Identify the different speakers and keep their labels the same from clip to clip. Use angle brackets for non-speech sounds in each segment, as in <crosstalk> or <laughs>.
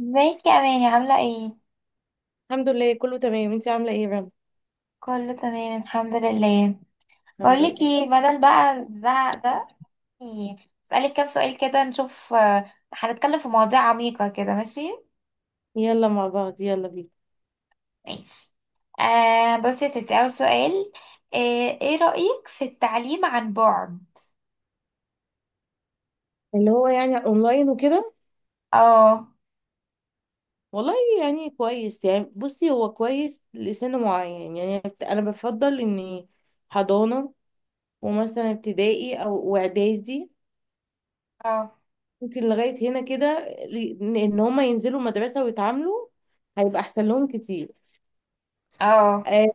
Speaker 1: ازيك يا اماني، عامله ايه؟
Speaker 2: الحمد لله، كله تمام. انتي عامله ايه يا رب؟
Speaker 1: كله تمام، الحمد لله.
Speaker 2: الحمد
Speaker 1: بقولك
Speaker 2: لله.
Speaker 1: ايه، بدل بقى الزعق ده. إيه، اسالك كام سؤال كده نشوف. هنتكلم في مواضيع عميقه كده، ماشي.
Speaker 2: يلا مع بعض، يلا بينا.
Speaker 1: ماشي. بصي يا ستي، اول سؤال. إيه رايك في التعليم عن بعد؟
Speaker 2: اللي هو يعني اونلاين وكده؟
Speaker 1: اه.
Speaker 2: والله يعني كويس. يعني بصي، هو كويس لسن معين، يعني انا بفضل اني حضانه ومثلا ابتدائي او واعدادي،
Speaker 1: اه.
Speaker 2: ممكن لغايه هنا كده. ان هم ينزلوا مدرسه ويتعاملوا، هيبقى احسن لهم كتير.
Speaker 1: اه.
Speaker 2: آه،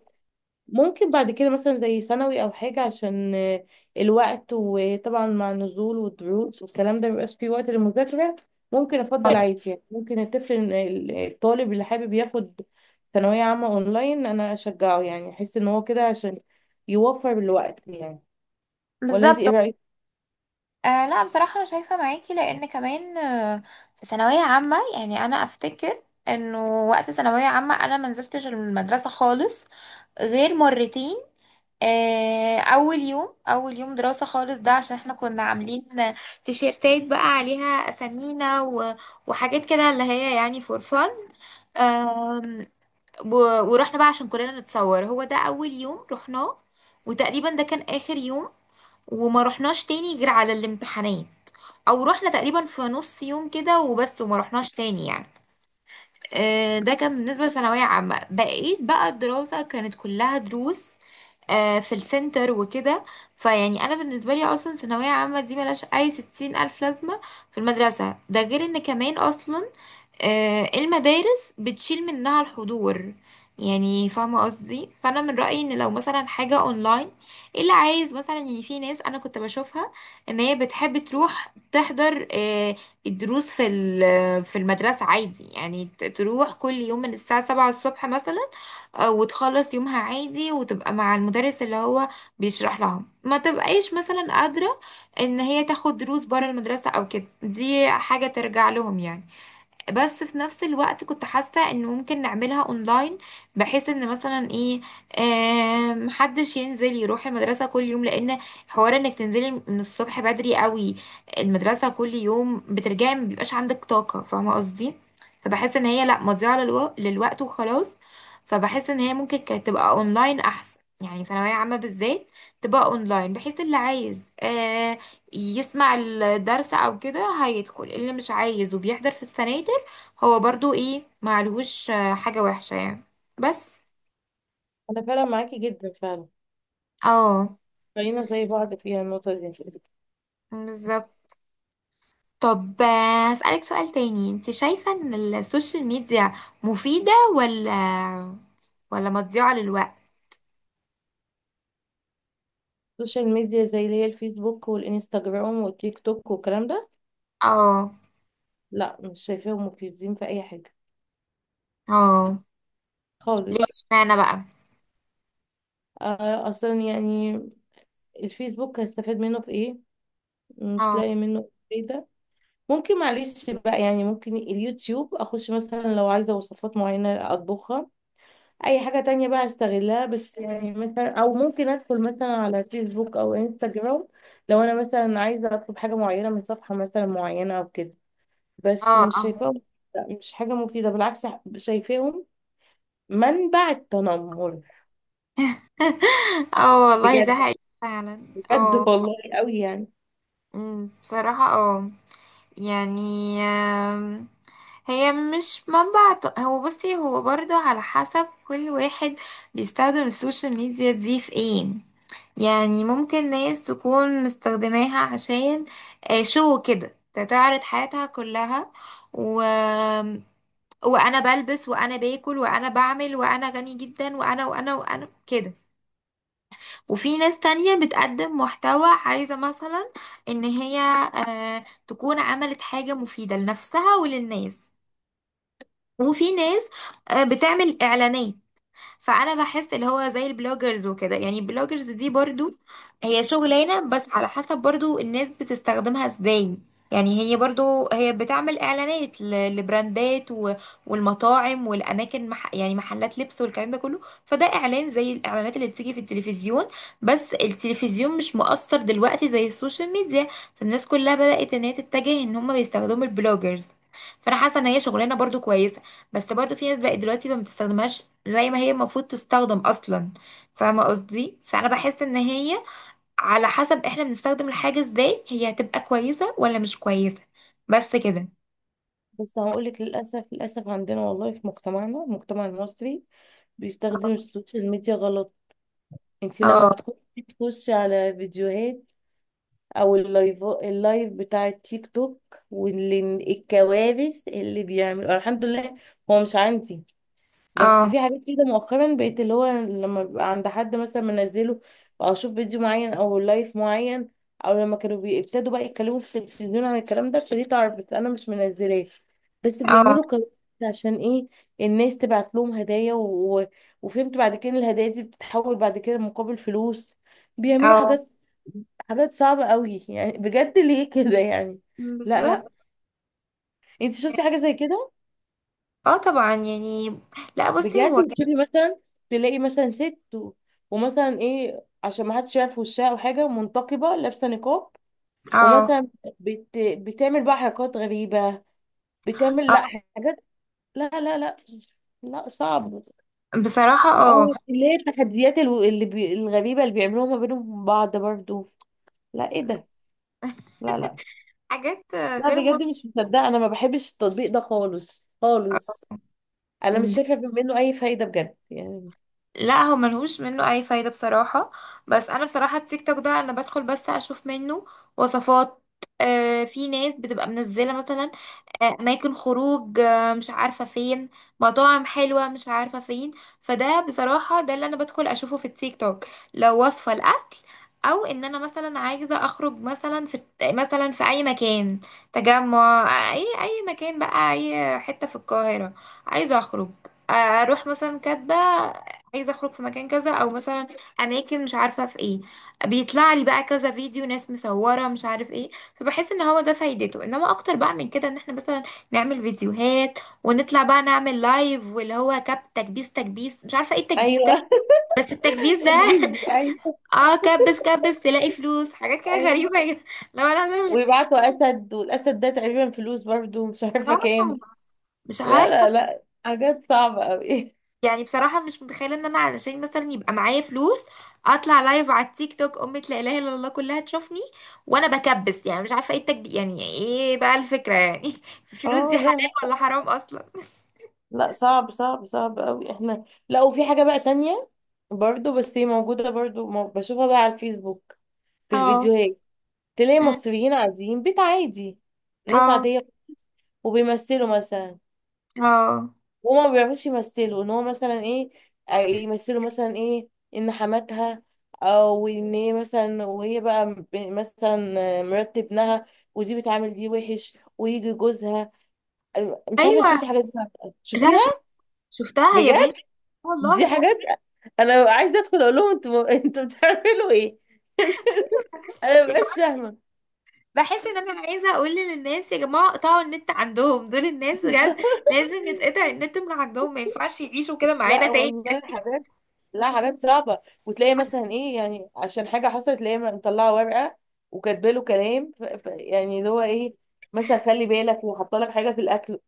Speaker 2: ممكن بعد كده مثلا زي ثانوي او حاجه، عشان الوقت. وطبعا مع النزول والدروس والكلام ده مبيبقاش فيه وقت للمذاكره. ممكن افضل
Speaker 1: آه،
Speaker 2: عادي، يعني ممكن الطفل الطالب اللي حابب ياخد ثانويه عامه اونلاين، انا اشجعه. يعني احس ان هو كده عشان يوفر الوقت يعني. ولا انت
Speaker 1: بالظبط.
Speaker 2: ايه رايك؟
Speaker 1: لا، بصراحه انا شايفه معاكي، لان كمان، في ثانويه عامه. يعني انا افتكر انه وقت ثانويه عامه انا منزلتش المدرسه خالص غير مرتين. اول يوم دراسة خالص، ده عشان احنا كنا عاملين تيشيرتات بقى عليها اسامينا وحاجات كده، اللي هي يعني فور فن. آم، ورحنا بقى عشان كلنا نتصور، هو ده اول يوم رحناه، وتقريبا ده كان اخر يوم. وما رحناش تاني غير على الامتحانات، او رحنا تقريبا في نص يوم كده وبس، وما رحناش تاني يعني. ده كان بالنسبة لثانوية عامة. بقيت بقى الدراسة كانت كلها دروس، في السنتر وكده. فيعني أنا بالنسبة لي أصلا ثانوية عامة دي ملهاش أي ستين ألف لازمة في المدرسة. ده غير إن كمان أصلا المدارس بتشيل منها الحضور، يعني فاهمة قصدي. فأنا من رأيي إن لو مثلا حاجة أونلاين، اللي عايز مثلا، يعني في ناس أنا كنت بشوفها إن هي بتحب تروح تحضر الدروس في في المدرسة عادي، يعني تروح كل يوم من الساعة 7 الصبح مثلا، وتخلص يومها عادي، وتبقى مع المدرس اللي هو بيشرح لها. ما تبقايش مثلا قادرة إن هي تاخد دروس برا المدرسة أو كده، دي حاجة ترجع لهم يعني. بس في نفس الوقت كنت حاسة ان ممكن نعملها اونلاين، بحيث ان مثلا ايه، محدش ينزل يروح المدرسة كل يوم، لان حوار انك تنزلي من الصبح بدري قوي المدرسة كل يوم، بترجعي ما بيبقاش عندك طاقة، فاهمة قصدي. فبحس ان هي لا، مضيعة للوقت وخلاص. فبحس ان هي ممكن كانت تبقى اونلاين احسن، يعني ثانوية عامة بالذات تبقى اونلاين، بحيث اللي عايز يسمع الدرس او كده هيدخل، اللي مش عايز وبيحضر في السنة هو برضو ايه معلهوش حاجة وحشة يعني. بس.
Speaker 2: انا فعلا معاكي جدا، فعلا.
Speaker 1: اه.
Speaker 2: خلينا زي بعض فيها النقطه دي.
Speaker 1: بالظبط. طب، اسألك سؤال تاني، انت شايفة ان السوشيال ميديا مفيدة، ولا، ولا مضيعة للوقت؟
Speaker 2: السوشيال ميديا زي اللي هي الفيسبوك والانستغرام والتيك توك والكلام ده؟
Speaker 1: اه.
Speaker 2: لا، مش شايفاهم مفيدين في اي حاجه
Speaker 1: اه. ليه
Speaker 2: خالص.
Speaker 1: اشمعنى بقى؟
Speaker 2: اصلا يعني الفيسبوك هستفاد منه في ايه؟ مش
Speaker 1: اه.
Speaker 2: لاقي منه فايده. ممكن معلش بقى، يعني ممكن اليوتيوب اخش مثلا لو عايزه وصفات معينه اطبخها، اي حاجه تانية بقى استغلها بس. يعني مثلا، او ممكن ادخل مثلا على فيسبوك او انستجرام لو انا مثلا عايزه اطلب حاجه معينه من صفحه مثلا معينه او كده. بس
Speaker 1: اه.
Speaker 2: مش
Speaker 1: اه.
Speaker 2: شايفاهم، لا، مش حاجه مفيده. بالعكس، شايفاهم منبع التنمر.
Speaker 1: <laughs> اه والله، ده
Speaker 2: بجد.
Speaker 1: حقيقي فعلا.
Speaker 2: بجد
Speaker 1: اه.
Speaker 2: والله، قوي يعني.
Speaker 1: بصراحة اه، يعني هي مش منبع هو بصي، هو برضو على حسب كل واحد بيستخدم السوشيال ميديا دي في ايه. يعني ممكن ناس تكون مستخدماها عشان شو كده تعرض حياتها كلها و... وانا بلبس وانا باكل وانا بعمل وانا غني جدا وانا وانا وانا كده. وفي ناس تانية بتقدم محتوى، عايزة مثلا ان هي تكون عملت حاجة مفيدة لنفسها وللناس. وفي ناس بتعمل اعلانات. فانا بحس اللي هو زي البلوجرز وكده، يعني البلوجرز دي برضو هي شغلانه، بس على حسب برضو الناس بتستخدمها ازاي. يعني هي برضو هي بتعمل اعلانات لبراندات والمطاعم والاماكن مح، يعني محلات لبس والكلام ده كله. فده اعلان زي الاعلانات اللي بتيجي في التلفزيون، بس التلفزيون مش مؤثر دلوقتي زي السوشيال ميديا. فالناس كلها بدات ان هي تتجه، ان هم بيستخدموا البلوجرز. فانا حاسه ان هي شغلانه برضو كويسه، بس برضو في ناس بقت دلوقتي ما بتستخدمهاش زي ما هي المفروض تستخدم اصلا، فاهمه قصدي. فانا بحس ان هي على حسب احنا بنستخدم الحاجه ازاي، هي هتبقى كويسه ولا مش كويسه. بس كده.
Speaker 2: بس هقول لك، للاسف للاسف عندنا والله، في مجتمعنا المجتمع المصري بيستخدم السوشيال ميديا غلط. انت لما
Speaker 1: اه.
Speaker 2: بتخشي، تخشي على فيديوهات او اللايف بتاع التيك توك واللي الكوارث اللي بيعملوا. الحمد لله هو مش عندي، بس
Speaker 1: اه.
Speaker 2: في حاجات كده مؤخرا بقيت، اللي هو لما بيبقى عند حد مثلا منزله او اشوف فيديو معين او لايف معين، او لما كانوا بيبتدوا بقى يتكلموا في التلفزيون عن الكلام ده ابتديت اعرف، بس انا مش منزلاه. بس
Speaker 1: اه.
Speaker 2: بيعملوا كده عشان ايه؟ الناس تبعت لهم هدايا، وفهمت بعد كده إن الهدايا دي بتتحول بعد كده مقابل فلوس. بيعملوا
Speaker 1: اه
Speaker 2: حاجات، حاجات صعبة قوي. يعني بجد ليه كده يعني؟ لا لا،
Speaker 1: بالظبط.
Speaker 2: انت شفتي حاجة زي كده؟
Speaker 1: اه طبعا يعني. لا بصي هو
Speaker 2: بجد
Speaker 1: كان.
Speaker 2: تشوفي مثلا، تلاقي مثلا ست ومثلا ايه، عشان ما حدش يعرف وشها او حاجه منتقبه لابسه نقاب،
Speaker 1: اه.
Speaker 2: ومثلا بتعمل بقى حركات غريبه، بتعمل لا
Speaker 1: اه
Speaker 2: حاجات، لا لا لا، لا صعب.
Speaker 1: بصراحه
Speaker 2: هو
Speaker 1: اه
Speaker 2: اللي هي التحديات، الغريبه اللي بيعملوها ما بينهم وبين بعض برضو. لا ايه ده؟ لا لا،
Speaker 1: حاجات
Speaker 2: لا
Speaker 1: غير
Speaker 2: بجد مش مصدقه. انا ما بحبش التطبيق ده خالص خالص.
Speaker 1: منطقيه.
Speaker 2: انا مش شايفه منه اي فايده بجد يعني.
Speaker 1: لا هو ملهوش منه اي فايدة بصراحة، بس انا بصراحة التيك توك ده انا بدخل بس اشوف منه وصفات، في ناس بتبقى منزلة مثلا اماكن خروج، آه مش عارفة فين، مطاعم حلوة مش عارفة فين. فده بصراحة ده اللي انا بدخل اشوفه في التيك توك، لو وصفة الاكل، او ان انا مثلا عايزة اخرج مثلا في اي مكان تجمع، اي مكان بقى، اي حتة في القاهرة عايزة اخرج، اروح مثلا كاتبة عايزه اخرج في مكان كذا، او مثلا اماكن مش عارفه في ايه، بيطلع لي بقى كذا فيديو، ناس مصوره مش عارف ايه. فبحس ان هو ده فايدته، انما اكتر بقى من كده ان احنا مثلا نعمل فيديوهات ونطلع بقى نعمل لايف، واللي هو تكبيس مش عارفه ايه التكبيس ده.
Speaker 2: ايوه.
Speaker 1: بس التكبيس
Speaker 2: <laughs>
Speaker 1: ده <laughs>
Speaker 2: تجريبي ايوه.
Speaker 1: اه كبس كبس، تلاقي فلوس، حاجات كده
Speaker 2: ايوه،
Speaker 1: غريبه <laughs> لا لا لا لا.
Speaker 2: ويبعتوا اسد، والاسد ده تقريبا فلوس برضو، مش عارفه
Speaker 1: اه.
Speaker 2: كام.
Speaker 1: مش
Speaker 2: لا
Speaker 1: عارفه.
Speaker 2: لا لا، حاجات صعبه قوي.
Speaker 1: يعني بصراحة مش متخيلة ان انا علشان مثلا يبقى معايا فلوس اطلع لايف على التيك توك، امة لا اله الا الله كلها تشوفني وانا بكبس، يعني مش عارفة ايه التكبير، يعني ايه بقى الفكرة يعني <laughs> الفلوس دي
Speaker 2: اه لا
Speaker 1: حلال
Speaker 2: لا
Speaker 1: ولا حرام اصلا؟
Speaker 2: لا، صعب صعب صعب قوي احنا. لا وفي حاجه بقى تانية برضو، بس هي موجوده برضو، بشوفها بقى على الفيسبوك في
Speaker 1: اه.
Speaker 2: الفيديوهات. تلاقي
Speaker 1: أمم،
Speaker 2: مصريين عاديين، بيت عادي، ناس
Speaker 1: اه.
Speaker 2: عاديه خالص، وبيمثلوا مثلا،
Speaker 1: اه.
Speaker 2: وهما ما بيعرفوش يمثلوا. ان هو مثلا ايه، يمثلوا مثلا ايه، ان حماتها، او ان هي مثلا وهي بقى مثلا مرات ابنها، ودي بتعامل دي وحش ويجي جوزها. أيوة، مش عارفه انت
Speaker 1: ايوه.
Speaker 2: شفتي الحاجات دي ولا لأ.
Speaker 1: لا.
Speaker 2: شفتيها؟
Speaker 1: شفتها يا بنت،
Speaker 2: بجد، دي
Speaker 1: والله.
Speaker 2: حاجات. انا عايزه ادخل اقول لهم: انتوا بتعملوا ايه؟ انا
Speaker 1: يا
Speaker 2: مبقاش
Speaker 1: جماعة
Speaker 2: فاهمه.
Speaker 1: بحس ان انا عايزة اقول للناس يا جماعة، اقطعوا النت عندهم، دول الناس بجد
Speaker 2: <laughs>
Speaker 1: لازم يتقطع النت من عندهم، ما ينفعش يعيشوا كده معانا
Speaker 2: لا
Speaker 1: تاني.
Speaker 2: والله حاجات، لا حاجات صعبة. وتلاقي مثلا ايه، يعني عشان حاجة حصلت تلاقيه مطلعة ورقة وكاتبه له كلام، يعني اللي هو ايه، مثلا خلي بالك، وحاطه لك حاجة في الأكل.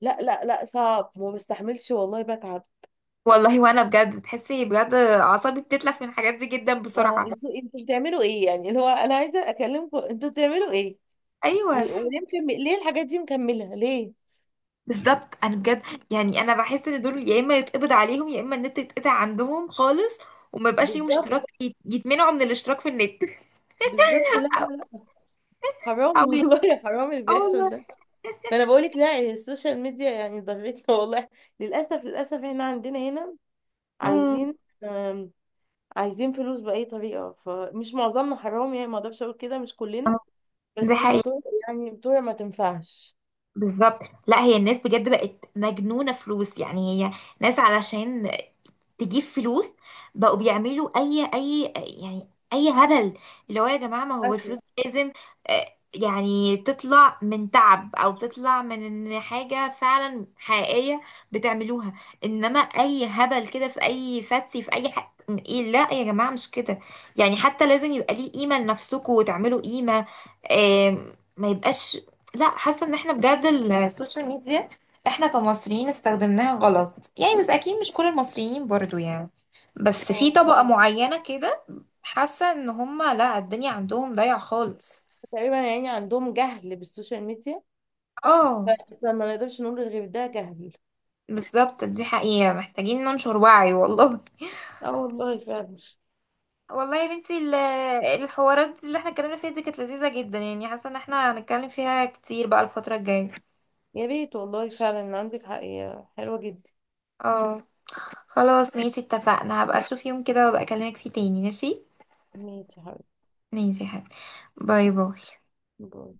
Speaker 2: لا لا لا، صعب ما بستحملش والله، بتعب.
Speaker 1: والله. وانا بجد بتحسي بجد اعصابي بتتلف من الحاجات دي جدا
Speaker 2: اه،
Speaker 1: بسرعه.
Speaker 2: انتوا بتعملوا ايه؟ يعني اللي هو انا عايزة اكلمكم، انتوا بتعملوا ايه؟
Speaker 1: ايوه.
Speaker 2: ليه الحاجات دي مكملة ليه؟
Speaker 1: بالظبط. انا بجد، يعني انا بحس ان دول يا اما يتقبض عليهم، يا اما النت يتقطع عندهم خالص وما يبقاش ليهم
Speaker 2: بالظبط
Speaker 1: اشتراك، يتمنعوا من الاشتراك في النت.
Speaker 2: بالظبط. لا لا
Speaker 1: او.
Speaker 2: لا،
Speaker 1: او
Speaker 2: حرام والله، <laughs> حرام اللي
Speaker 1: اه والله.
Speaker 2: بيحصل ده. ما انا بقولك، لا السوشيال ميديا يعني ضرتنا <laughs> والله. للاسف للاسف احنا عندنا هنا
Speaker 1: امم.
Speaker 2: عايزين، آم، عايزين فلوس باي طريقه. فمش معظمنا، حرام يعني ما اقدرش اقول كده، مش كلنا،
Speaker 1: دي
Speaker 2: بس
Speaker 1: حقيقة.
Speaker 2: بتوع، يعني بتوع ما تنفعش.
Speaker 1: بالظبط. لا هي الناس بجد بقت مجنونة فلوس، يعني هي ناس علشان تجيب فلوس بقوا بيعملوا اي يعني اي هبل، اللي هو يا جماعة، ما هو الفلوس
Speaker 2: للاسف.
Speaker 1: دي لازم آه، يعني تطلع من تعب، او تطلع من إن حاجة فعلا حقيقية بتعملوها. انما اي هبل كده في اي فاتسي في اي حاجة، ايه لا يا جماعة، مش كده. يعني حتى لازم يبقى ليه قيمة لنفسكم، وتعملوا قيمة. ما يبقاش لا. حاسه ان احنا بجد السوشيال ميديا احنا كمصريين استخدمناها غلط، يعني بس اكيد مش كل المصريين برضو يعني، بس في
Speaker 2: اه
Speaker 1: طبقه معينه كده، حاسه ان هم لا الدنيا عندهم ضايعه خالص.
Speaker 2: تقريبا يعني عندهم جهل بالسوشيال ميديا،
Speaker 1: اه.
Speaker 2: بس ما نقدرش نقول غير ده جهل.
Speaker 1: بالظبط، دي حقيقه، محتاجين ننشر وعي. والله.
Speaker 2: اه والله فعلا.
Speaker 1: والله يا بنتي الحوارات اللي احنا اتكلمنا فيها دي كانت لذيذه جدا، يعني حاسه ان احنا هنتكلم فيها كتير بقى الفتره الجايه.
Speaker 2: يا ريت، والله فعلا عندك حق يا حلوة جدا.
Speaker 1: اه. خلاص ماشي، اتفقنا، هبقى اشوف يوم كده وابقى اكلمك فيه تاني، ماشي.
Speaker 2: ماشي يا حبيبتي.
Speaker 1: ماشي يا حبيبتي. باي باي.
Speaker 2: باي.